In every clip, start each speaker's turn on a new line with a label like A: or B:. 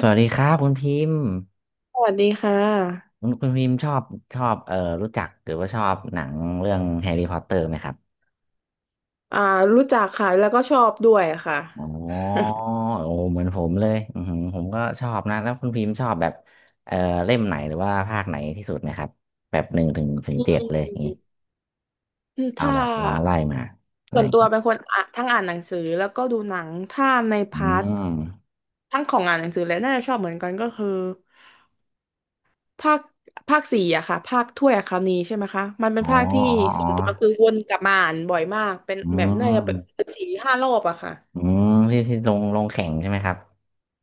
A: สวัสดีครับคุณพิมพ์
B: สวัสดีค่ะ
A: คุณพิมพ์ชอบรู้จักหรือว่าชอบหนังเรื่องแฮร์รี่พอตเตอร์ไหมครับ
B: อ่ารู้จักค่ะ แล้วก็ชอบด้วยค่ะ
A: อ๋อโอ้เหมือนผมเลยอือหือผมก็ชอบนะแล้วคุณพิมพ์ชอบแบบเอ่อเล่มไหนหรือว่าภาคไหนที่สุดไหมครับแบบหนึ่งถึงเจ็ดเลยอย่างนี้
B: อืม
A: เอา
B: ถ้า
A: แบบลองไล่มาอะไร
B: ส่ว
A: อ
B: น
A: ย่าง
B: ตัว
A: นี้
B: เป็นคนอ่ะทั้งอ่านหนังสือแล้วก็ดูหนังถ้าใน
A: อื
B: พาร์ท
A: ม
B: ทั้งของอ่านหนังสือและน่าจะชอบเหมือนกันก็คือภาคภาคสี่อะค่ะภาคถ้วยอัคนีใช่ไหมคะมันเป็น
A: อ๋อ
B: ภาคที่
A: อ๋ออ๋
B: ส่
A: อ
B: วนตัวคือวนกลับมาอ่านบ่อยมากเป็น
A: อื
B: แบบน่าจะเป็
A: ม
B: นสี่ห้ารอบอะค่ะ
A: อืมที่ที่ลงแข่งใช่ไหมครับ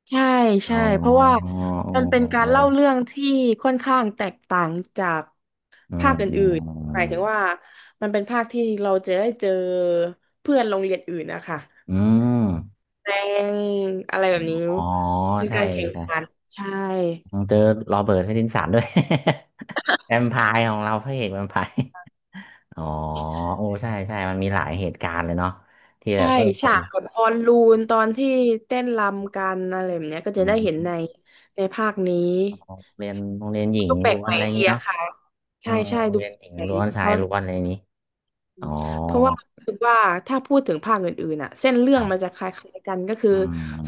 B: ใช่
A: อ๋
B: ใช่
A: อ
B: เพราะว่า
A: อ๋ออ๋อ
B: มันเป็นการ
A: อ๋อ
B: เล่าเรื่องที่ค่อนข้างแตกต่างจาก
A: อื
B: ภา
A: ม
B: ค
A: อื
B: อื่นๆหมายถึ
A: ม
B: งว่ามันเป็นภาคที่เราจะได้เจอเพื่อนโรงเรียนอื่นนะคะ
A: อืม
B: แรงอะไรแบบนี้
A: อ๋อ
B: เป็น
A: ใช่
B: การแข่งขั
A: ใช่
B: น ใช่
A: ผมเจอโรเบิร์ตแพตตินสันด้วย แวมไพร์ของเราพระเอกแวมไพร์ อ๋อโอ้ใช่ใช่มันมีหลายเหตุการณ์เลยเนาะที่แบ
B: ใช่
A: บเออผ
B: ฉา
A: ม
B: กกับบอลลูนตอนที่เต้นรำกันอะไรแบบเนี้ยก็
A: อื
B: จะได้
A: ม
B: เห็นในภาคนี้
A: เรียนโรงเรียนหญิง
B: ดูแปล
A: ล้
B: ก
A: วน
B: ใหม่
A: อะไรอย่าง
B: ดี
A: นี้
B: อะ
A: เนาะ
B: ค่ะ
A: เออ
B: ใช่ใช่
A: โรง
B: ดู
A: เรียน
B: แปล
A: หญิ
B: ก
A: ง
B: ใหม่
A: ล้ว
B: ดี
A: นชา
B: เพ
A: ย
B: ราะ
A: ล้วนอะไรอย่างนี้อ๋อ
B: เพราะว่ารู้สึกว่าถ้าพูดถึงภาคอื่นๆอ่ะเส้นเรื่
A: ค
B: อง
A: รั
B: มันจะ
A: บ
B: คล้ายๆกันก็คือ
A: อื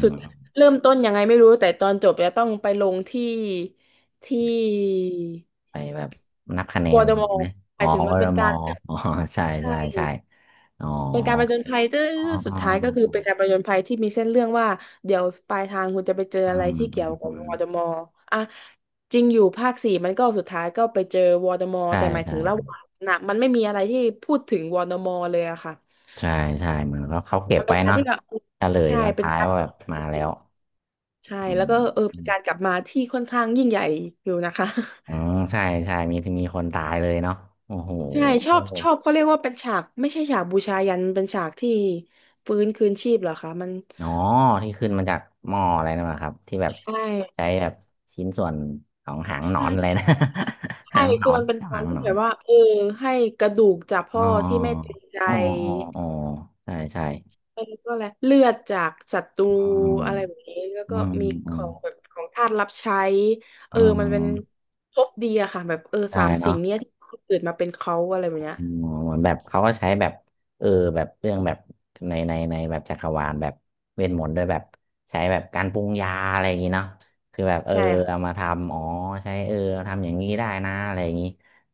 B: สุดเริ่มต้นยังไงไม่รู้แต่ตอนจบจะต้องไปลงที่ที่
A: ไปแบบนับคะแน
B: ว
A: น
B: อ
A: อะ
B: ร์ด
A: ไรอ
B: ม
A: ย่า
B: อ
A: งนี้
B: ร์
A: ไหม
B: ห
A: อ๋อ
B: มายถึง
A: ว
B: มัน
A: ร
B: เป็น
A: ม
B: กา
A: อ
B: รแบบ
A: อ๋อใช่
B: ใช่
A: ใช่ใช่อ๋อ
B: เป็นการผจญภัยเรื่อ
A: อ๋อ
B: ยๆ
A: อ๋
B: สุดท้ายก็คือ
A: อ
B: เป็นการผจญภัยที่มีเส้นเรื่องว่าเดี๋ยวปลายทางคุณจะไปเจอ
A: อื
B: อะ
A: ม
B: ไร
A: อื
B: ที่
A: ม
B: เกี่ยวกับว
A: อื
B: อ
A: ม
B: ร์ดมอร์อ่ะจริงอยู่ภาคสี่มันก็สุดท้ายก็ไปเจอวอร์ดมอร์
A: ใช่
B: แต่หมายถึงระห
A: ใช่
B: ว่างน่ะมันไม่มีอะไรที่พูดถึงวอร์ดมอร์เลยอะค่ะ
A: ใช่ใช่เหมือนเขาเก็บ
B: มันเป็
A: ไว้
B: นการ
A: เนาะ
B: ที่แบบ
A: เฉลย
B: ใช่
A: ตอน
B: เป็น
A: ท้าย
B: การ
A: ว่าแบบมาแล้ว
B: ใช่
A: อื
B: แล้ว
A: ม
B: ก็เออ
A: อื
B: เป็น
A: ม
B: การกลับมาที่ค่อนข้างยิ่งใหญ่อยู่นะคะ
A: อ๋อใช่ใช่มีคนตายเลยเนาะโอ้โห
B: ใช่ชอบชอบเขาเรียกว่าเป็นฉากไม่ใช่ฉากบูชายันเป็นฉากที่ฟื้นคืนชีพเหรอคะมัน
A: อ๋อที่ขึ้นมาจากหม้ออะไรนั่นแหละครับที่แบบ
B: ใช่
A: ใช้แบบชิ้นส่วนของหางหนอนอะไร
B: ใช่
A: นะ หา
B: ใช่
A: งหนอ
B: คือ
A: น
B: มันเป็นตอ
A: หา
B: น
A: งห
B: ที่
A: นอ
B: แบ
A: น
B: บว่าเออให้กระดูกจาก
A: อ๋
B: พ่
A: อ
B: อที่ไม่เต็มใจ
A: อ๋ออ๋ออ๋อใช่ใช่
B: แล้วก็อะไรเลือดจากศัตรู
A: อืม
B: อะไรแบบนี้แล้ว
A: อื
B: ก็
A: ม
B: มี
A: อื
B: ข
A: ม
B: องแบบของทาสรับใช้เอ
A: อื
B: อมันเป็น
A: ม
B: ครบดีอะค่ะแบบเออ
A: ใช่
B: สาม
A: เนาะ
B: สิ่งเนี้ยที่เกิดมาเป็นเขาอะไรแบ
A: อ๋
B: บ
A: อ
B: เนี้ย
A: เหมือนแบบเขาก็ใช้แบบเออแบบเรื่องแบบในแบบจักรวาลแบบเวทมนต์ด้วยแบบใช้แบบการปรุงยาอะไรอย่างงี้เนาะคือแบบเออ
B: ใช่
A: เอา
B: ค่ะ
A: มาทำอ๋อใช้เออทำอย่างนี้ได้นะอะไรอย่างงี้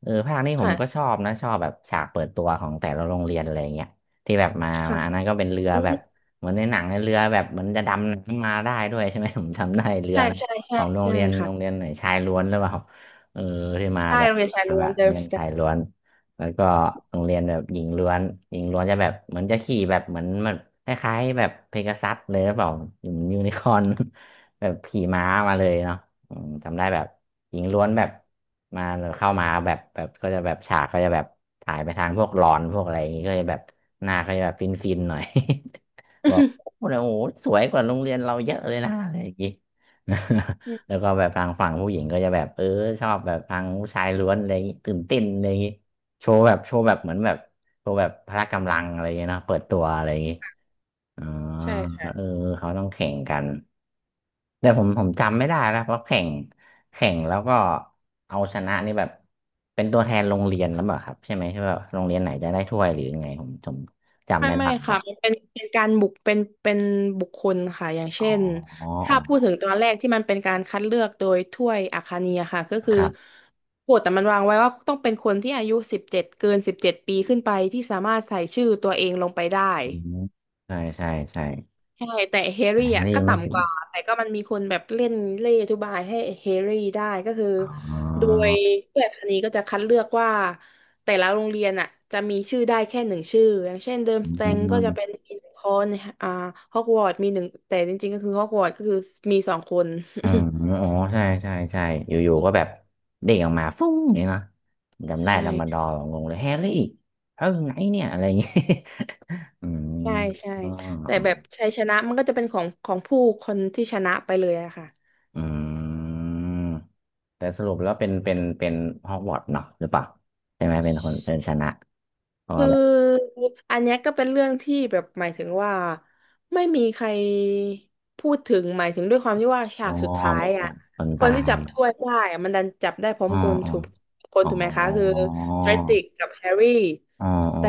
A: เออภาคนี้ผมก็ช
B: ค่ะ
A: อบนะชอบแบบฉากเปิดตัวของแต่ละโรงเรียนอะไรอย่างเงี้ยที่แบบมา
B: ค่ะ
A: อันนั้นก็เป็นเรือ
B: อื
A: แบ
B: ม
A: บเหมือนในหนังในเรือแบบเหมือนจะดำน้ำมาได้ด้วยใช่ไหม ผมจำได้เรือ
B: ใช่
A: นะ
B: ใช่
A: ข
B: ใช่
A: องโรง
B: ใช่
A: เรียน
B: ค่ะ
A: ไหนชายล้วนหรือเปล่าเออที่มา
B: ใช่
A: แบบ
B: โรงเรียนชาย
A: มา
B: ล้
A: แบ
B: วน
A: บ
B: เดิ
A: เรี
B: ม
A: ยน
B: สแต
A: ชาย
B: น
A: ล้วน แล้วก็โรงเรียนแบบหญิงล้วนหญิงล้วนจะแบบเหมือนจะขี่แบบเหมือนมันคล้ายๆแบบเพกาซัสเลยหรือเปล่าอยู่เหมือนยูนิคอร์น แบบขี่ม้ามาเลยเนาะอืมจำได้แบบหญิงล้วนแบบมาเข้ามาแบบก็จะแบบฉากก็จะแบบถ่ายไปทางพวกหลอนพวกอะไรอย่างงี้ก็จะแบบหน้าก็จะแบบฟินๆหน่อย บอกโอ้โหสวยกว่าโรงเรียนเราเยอะเลยนะอะไรอย่างงี้
B: อืม
A: แล้วก็แบบทางฝั่งผู้หญิงก็จะแบบเออชอบแบบทางผู้ชายล้วนอะไรอย่างงี้ตื่นเต้นอะไรอย่างงี้ โชว์แบบโชว์แบบเหมือนแบบโชว์แบบพละกำลังอะไรอย่างเงี้ยเนอะเปิดตัวอะไรอย่างงี้อ๋อ
B: ใช่ใช่
A: เออเขาต้องแข่งกันแต่ผมจำไม่ได้แล้วเพราะแข่งแล้วก็เอาชนะนี่แบบเป็นตัวแทนโรงเรียนแล้วเปล่าครับใช่ไหมใช่แบบโรงเรียนไหนจะได้ถ้วยหรือยังไงผมจำ
B: ไม่
A: ไม่
B: ไม่
A: ได้ละ
B: ค่ะมันเป็นการบุกเป็นบุคคลค่ะอย่าง
A: อ๋อ
B: เช่น
A: อ๋อ
B: ถ้าพูดถึงตอนแรกที่มันเป็นการคัดเลือกโดยถ้วยอัคนียค่ะก็คือ
A: ครับ
B: กฎแต่มันวางไว้ว่าต้องเป็นคนที่อายุสิบเจ็ดเกิน17 ปีขึ้นไปที่สามารถใส่ชื่อตัวเองลงไปได้
A: อืมใช่ใช่ใช่
B: ใช่แต่แฮร์
A: แต่
B: รี่
A: แฮ
B: อ่ะ
A: ร์รี่
B: ก็
A: ไม่ถึ
B: ต่ำก
A: ง
B: ว่าแต่ก็มันมีคนแบบเล่หอธิบายให้แฮร์รี่ได้ก็คือ
A: อ๋
B: โด
A: อ
B: ยผู้ใหญ่งนีก็จะคัดเลือกว่าแต่ละโรงเรียนอ่ะจะมีชื่อได้แค่หนึ่งชื่ออย่างเช่นเดิม
A: อื
B: สแตงก็จะเป็น
A: ม
B: มีหนึ่งคนอ่าฮอกวอตส์มีหนึ่งแต่จริงๆก็คือฮอกวอตส์ก็คือมีสองคน
A: อ๋ออ๋อใช่ใช่ใช่อยู่ๆก็แบบเด้งออกมาฟุ้งอย่างเงี้ยเนาะ จำ
B: ใช
A: ได้ดัมเบิลดอ
B: ่
A: ร์งงเลยแฮร์รี่เฮ้ยไงเนี่ย อะไรอย่างเงี้ย อืม
B: ใช่ใช่
A: อ๋อ
B: แต่แบบชัยชนะมันก็จะเป็นของผู้คนที่ชนะไปเลยอะค่ะ
A: อืมแต่สรุปแล้วเป็น เป็นฮอกวอตส์เนาะหรือเปล่าใช่ไหมเป็นคนเป็นชนะเพราะ
B: คื
A: ว่าแบบ
B: ออันเนี้ยก็เป็นเรื่องที่แบบหมายถึงว่าไม่มีใครพูดถึงหมายถึงด้วยความที่ว่า
A: อ๋
B: ฉา
A: อ
B: กสุดท้าย
A: ไม่แบ
B: อ่ะ
A: บคน
B: ค
A: ตา
B: นที่จั
A: ย
B: บถ้วยได้อะมันดันจับได้พร้อ
A: อ๋
B: ม
A: อ
B: กัน
A: อ๋
B: ถูกคน
A: อ
B: ถูกไหมคะคือ
A: อ๋อ
B: เดรติกกับแฮร์รี่
A: อ๋ออ๋อ
B: แต่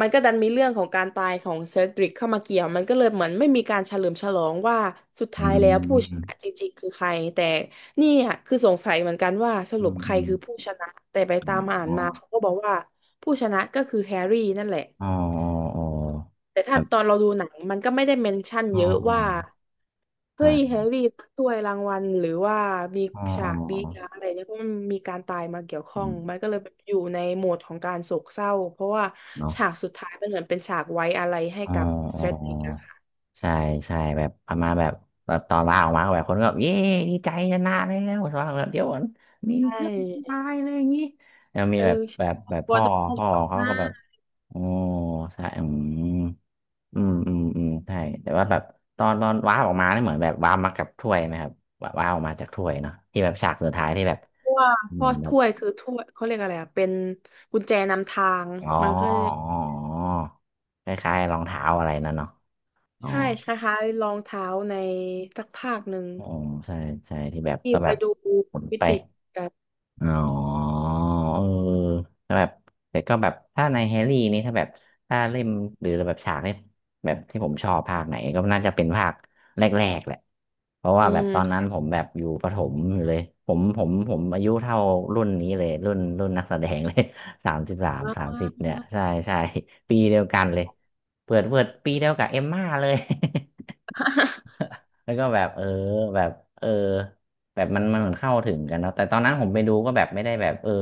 B: มันก็ดันมีเรื่องของการตายของเซดริกเข้ามาเกี่ยวมันก็เลยเหมือนไม่มีการเฉลิมฉลองว่าสุด
A: อื
B: ท้ายแล้วผู้ช
A: ม
B: นะจริงๆคือใครแต่ นี่อ่ะคือสงสัยเหมือนกันว่าส
A: อื
B: รุป
A: ม
B: ใค
A: อื
B: ร
A: ม
B: คือผู้ชนะแต่ไป
A: อ
B: ตามอ่าน
A: ๋อ
B: มาเขาก็บอกว่าผู้ชนะก็คือแฮร์รี่นั่นแหละ
A: อ๋ออ
B: แต่ถ้า
A: ๋อ
B: ตอนเราดูหนังมันก็ไม่ได้เมนชั่น
A: อ่า
B: เยอะ
A: อ่า
B: ว่าเฮ้ยแฮ
A: ใช่
B: ร์รี่ถ้วยรางวัลหรือว่ามี
A: อ่า
B: ฉา
A: อ่า
B: กดีอะไรเนี่ยเพราะมันมีการตายมาเกี่ยว
A: อื
B: ข้อง
A: ม
B: มันก็เลยอยู่ในโหมดของการโศกเศร้าเพราะว่า
A: เนาะ
B: ฉากสุดท้ายมันเหมือนเป็นฉากไว้อะไรให้
A: เอ่า
B: กับ
A: อ
B: เซดริกอะ
A: ่
B: ค่ะ
A: ใช่ใช่แบบประมาณแบบตอนลาออกมาก็แบบคนก็แบบเย้ดีใจชนะแล้วสำหรับแบบเดี๋ยวก่อนมี
B: ใช่
A: เพื่อนตายเลยอย่างนี้แล้วมี
B: เออ
A: แบบพ่
B: ว่า
A: อ
B: ต้องทำ
A: เขา
B: ห
A: ก็แบบ
B: น้า
A: โอ้ใช่อืมอืมอืมอืมใช่แต่ว่าแบบตอนว้าออกมาเนี่ยเหมือนแบบว้ามากับถ้วยไหมครับว้าออกมาจากถ้วยเนาะที่แบบฉากสุดท้ายที่แบบ
B: เพราะว่า
A: เห
B: พ่
A: มื
B: อ
A: อนแบบ
B: ถ้วยคือถ้วยเขาเรียกอะไรอะเป็นกุญแจนำทาง
A: อ๋อ
B: มันก็
A: อ๋ออ๋อ คล้ายๆรองเท้าอะไรนั่นเนาะอ๋อ
B: ใช่คล้ายๆรองเท้าในสักภาคหนึ่ง
A: อ๋อใช่ ใช่ ที่แบบ
B: ที่
A: ก็แบ
B: ไป
A: บ
B: ดู
A: หมุน
B: วิ
A: ไป
B: ดิกกัน
A: อ๋อเออแล้วแบบแต่ก็แบบถ้าในแฮร์รี่นี่ถ้าแบบถ้าเล่มหรือแบบฉากที่แบบที่ผมชอบภาคไหนก็น่าจะเป็นภาคแรกๆแหละเพราะ
B: อื
A: ว่าแบบตอนนั้
B: ม
A: นผมแบบอยู่ประถมอยู่เลยผมอายุเท่ารุ่นนี้เลยรุ่นนักแสดงเลย สามสิบสาม
B: ว้
A: สาม
B: า
A: สิบเนี่ย
B: ว
A: ใช่ใช่ปีเดียวกันเลยเปิดปีเดียวกับเอมม่าเลย แล้วก็แบบแบบเออแบบมันเหมือนเข้าถึงกันเนาะแต่ตอนนั้นผมไปดูก็แบบไม่ได้แบบ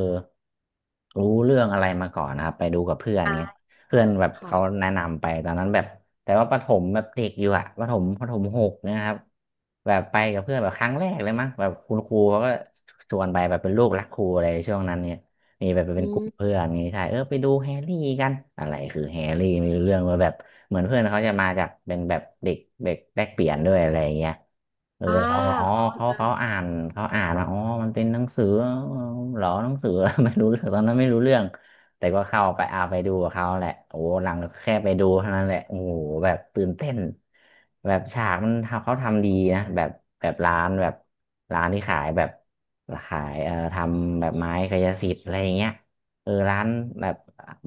A: รู้เรื่องอะไรมาก่อนนะครับไปดูกับเพื่อน
B: อ่
A: ไง
B: า
A: เพื่อนแบบเขา
B: ค่ะ
A: แนะนำไปตอนนั้นแบบแต่ว่าประถมแบบเด็กอยู่อะประถมหกเนยนะครับแบบไปกับเพื่อนแบบครั้งแรกเลยมั้งแบบคุณครูเขาก็ชวนไปแบบเป็นลูกรักครูอะไรช่วงนั้นเนี่ยมีแบบไป
B: อื
A: เป็นกลุ่ม
B: ม
A: เพื่อนนี้ใช่เออไปดูแฮร์รี่กันอะไรคือแฮร์รี่ไมีเรื่องมาแบบ เหมือนเพื่อนเขาจะมาจากเป็นแบบเด็กเด็กแลกเปลี่ยนด้วยอะไรอย่างเงี้ยเออ
B: อ่า
A: แล้วอ๋อ
B: เขาก็
A: เขา
B: จะ
A: เขาอ่านเขาอ่านมาอ๋อมันเป็นหนังสือเหรอหนังสือ ไม่รู้เรื่องตอนนั้นไม่รู้เรื่องแต่ก็เข้าไปเอาไปดูกับเขาแหละโอ้หลังแค่ไปดูเท่านั้นแหละโอ้โหแบบตื่นเต้นแบบฉากมันทำเขาทำดีนะแบบแบบร้านแบบร้านที่ขายแบบขายทำแบบไม้กายสิทธิ์อะไรอย่างเงี้ย เออร้านแบบ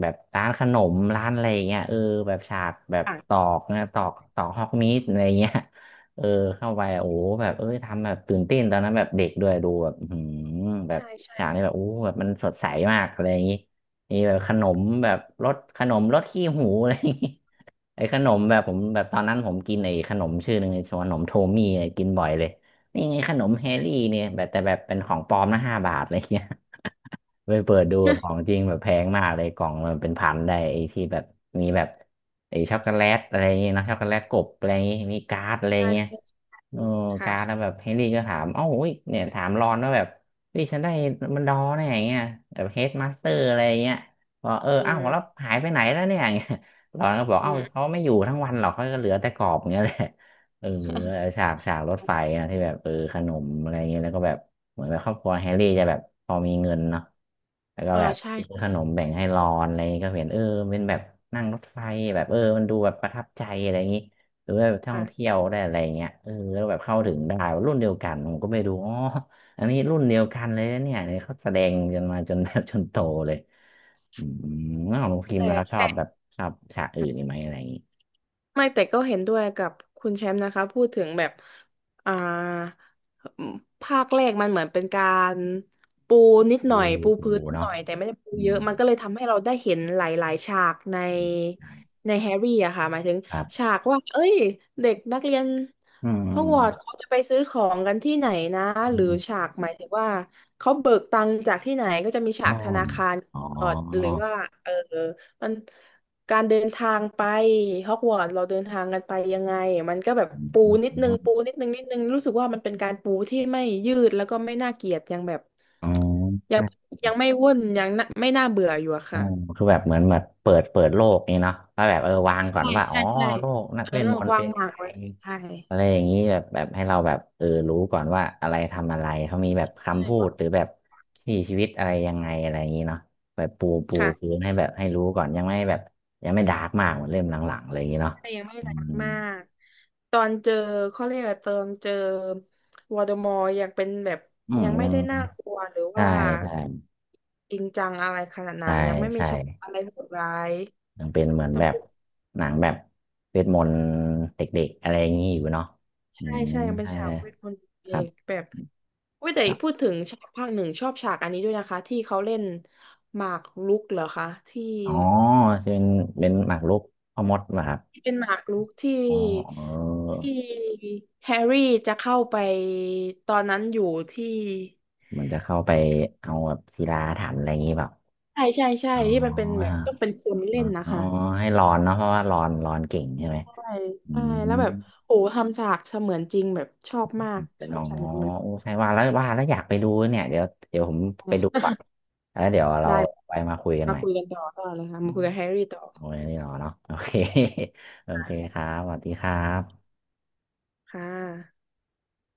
A: แบบร้านขนมร้านอะไรอย่างเงี้ยเออแบบฉากแบบ
B: อ่ะ
A: ตอกนะตอกฮอกมีดอะไรอย่างเงี้ย เออเข้าไปโอ้โหแบบเอ้ยทำแบบตื่นเต้นตอนนั้นแบบเด็กด้วยดูแบบอื้อหืมแบบ
B: ใช่
A: ฉาก
B: ใช่
A: นี้แบบโอ้โหแบบมันสดใสมากอะไรอย่างงี้มีแบบขนมแบบรสขนมรสขี้หูอะไรอย่างงี้ ไอ้ขนมแบบผมแบบตอนนั้นผมกินไอ้ขนมชื่อหนึ่งไอ้ขนมโทมี่ไอ้กินบ่อยเลยนี่ไงขนมแฮร์รี่เนี่ยแบบแต่แบบเป็นของปลอมนะห้าบาทอะไรเงี้ย ไปเปิดดูแบบของจริงแบบแพงมากเลยกล่องมันเป็นพันได้ไอ้ที่แบบมีแบบไอ้ช็อกโกแลตอะไรอย่างเงี้ยนะช็อกโกแลตกบอะไรอย่างเงี้ยมีการ์ดอะไรอย่า
B: ใช่
A: งเงี้ย
B: ใช่ใช่
A: เออการ์ดแล้ว
B: ค่ะ
A: แบบเฮนรี่ก็ถามเอ้าอุ้ยเนี่ยถามรอนว่าแบบเฮ้ยฉันได้มันดอแน่ยอย่างเงี้ยแบบเฮดมาสเตอร์อะไรอย่างเงี้ยบอกเออ
B: อื
A: เอ้าแล้ว
B: ม
A: หายไปไหนแล้วเนี่ยอย่างเงี้ย รอนก็บอก
B: อื
A: เอ้าเขา
B: ม
A: ไม่อยู่ทั้งวันหรอกเขาก็เหลือแต่กรอบอย่างเงี้ยแหละเออฉากรถไฟนะที่แบบเออขนมอะไรเงี้ยแล้วก็แบบ เหมือนแบบครอบครัวแฮร์รี่จะแบบพอมีเงินเนาะแล้วก็แบบ
B: ใช่
A: ซื้อขน
B: ใช่
A: มแบ่งให้รอนอะไรอย่างงี้ก็เห็นเออเป็นแบบนั่งรถไฟแบบเออมันดูแบบประทับใจอะไรอย่างงี้หรือว่าแบบท่อง
B: ค่ะ
A: เที่ยวได้อะไรอย่างเงี้ยเออแล้วแบบเข้าถึงได้รุ่นเดียวกันผมก็ไม่ดูอ๋ออันนี้รุ่นเดียวกันเลยนะเนี่ยเนี่ยเขาแสดงกันมาจนแบบจนโตเลยอืมแล้วของน้องพิมพ์
B: แต่
A: แล้วชอบ
B: แต่
A: แบบชอบฉากอื่นอีกไหมอะไรอย่างงี้
B: ไม่แต่ก็เห็นด้วยกับคุณแชมป์นะคะพูดถึงแบบอ่าภาคแรกมันเหมือนเป็นการปูนิดห
A: ดู
B: น่อยปู
A: ดู
B: พื้นนิดห
A: เนาะ
B: น่อยแต่ไม่ได้ปู
A: อื
B: เยอะ
A: ม
B: มันก็เลยทำให้เราได้เห็นหลายๆฉากใน
A: ใช่
B: แฮร์รี่อะค่ะหมายถึง
A: ครั
B: ฉา
A: บ
B: กว่าเอ้ยเด็กนักเรียน
A: อืมอื
B: ฮอก
A: ม
B: วอตส์เขาจะไปซื้อของกันที่ไหนนะหรือ
A: อืม
B: ฉากหมายถึงว่าเขาเบิกตังค์จากที่ไหนก็จะมีฉา
A: อ๋อ
B: กธนาคาร
A: อ๋อ
B: ตลอดหรือว่าเออมัน การเดินทางไปฮอกวอตส์เราเดินทางกันไปยังไงมันก็แบบ
A: อ
B: ปู
A: ื
B: นิด
A: ม
B: นึงปูนิดนึงนิดนึงรู้สึกว่ามันเป็นการปูที่ไม่ยืดแล้วก็ไม่น่าเกลียดยังแบบ
A: อ๋อ
B: ยัง
A: ใช่
B: ยังไม่วุ่นยังน่าไม่น่าเบื่ออยู่อะ
A: อ๋อ
B: ค่ะ
A: คือแบบเหมือนแบบเปิดโลกนี่เนาะว่าแบบเออวางก่
B: ใช่
A: อนว่าอ๋อ
B: ใช่ใช่
A: โลกนัก
B: เอ
A: เว
B: อ
A: ทมนต์
B: วา
A: เป็
B: ง
A: น
B: ห
A: ยั
B: มา
A: ง
B: ก
A: ไง
B: ไว้ใช่
A: อะไรอย่างนี้แบบแบบให้เราแบบเออรู้ก่อนว่าอะไรทำอะไรเขามีแบบ
B: ใช่
A: คำพู
B: ว่า
A: ดหรือแบบที่ชีวิตอะไรยังไงอะไรอย่างนี้เนาะแบบปูพื้
B: ค่ะ
A: นให้แบบให้รู้ก่อนยังไม่แบบยังไม่ดาร์กมากเหมือนเล่มหลังๆอะไรอย่างนี้เนาะ
B: ยังไม่
A: อื
B: รัก
A: ม
B: มาก ตอนเจอเขาเรียกว่าตอนเจอวอลเดอมอร์ยังเป็นแบบ
A: อืม
B: ยังไม่
A: ยั
B: ได้น่า
A: ง
B: กลัวหรือ
A: ใช่
B: ว่า
A: ใช่
B: จริงจังอะไรขนาดนั้
A: ใช่
B: นยังไม่มี
A: ใช่
B: ฉากอะไรโหดร้าย
A: ยังเป็นเหมือน
B: ต้อ
A: แบ
B: ง
A: บ
B: พูด
A: หนังแบบเวทมนต์เด็กๆอะไรอย่างนี้อยู่เนาะอื
B: ใช่
A: ม
B: ใช่ยังเป็น
A: ใช่
B: ฉา
A: เล
B: ก
A: ย
B: คุยคน
A: ค
B: เอ
A: รับ
B: กแบบวิแต่
A: ครั
B: พู
A: บ
B: ดถึงฉากภาคหนึ่งชอบฉากอันนี้ด้วยนะคะที่เขาเล่นหมากรุกเหรอคะที่
A: อ๋อเป็นเป็นหมากรุกพ่อมดเหรอครับ
B: ที่เป็นหมากรุก
A: อ๋อเออ
B: ที่แฮร์รี่จะเข้าไปตอนนั้นอยู่ที่
A: เหมือนจะเข้าไปเอาแบบศิลาอาถรรพ์อะไรอย่างนี้เปล่า
B: ใช่ใช่ใช่
A: อ๋
B: ที่มันเป็นแบบ
A: อ
B: ต้องเป็นคน
A: อ๋
B: เล่
A: อ
B: นนะ
A: อ๋อ
B: คะ
A: ให้รอนเนาะเพราะว่ารอนเก่งใช่ไหม
B: ใช่
A: อื
B: ใช่
A: ม
B: แล้วแบบโอ้ทำฉากเสมือนจริงแบบชอบมาก
A: แต่
B: ชอ
A: น้
B: บ
A: อง
B: ฉาก
A: อ๋อ
B: นั้นมัน
A: โอ้ใช่ว่าแล้วอยากไปดูเนี่ยเดี๋ยวผมไปดูก่อน แล้วเดี๋ยวเรา
B: ได้เลย
A: ไว้มาคุยกัน
B: มา
A: ใหม่
B: คุยกันต่อเลยค่ะมาคุยกับแฮร์รี่ต่อ
A: โอ้ยนี่หรอเนาะ โอเค โอเคครับ สวัสดีครับ
B: ค่ะ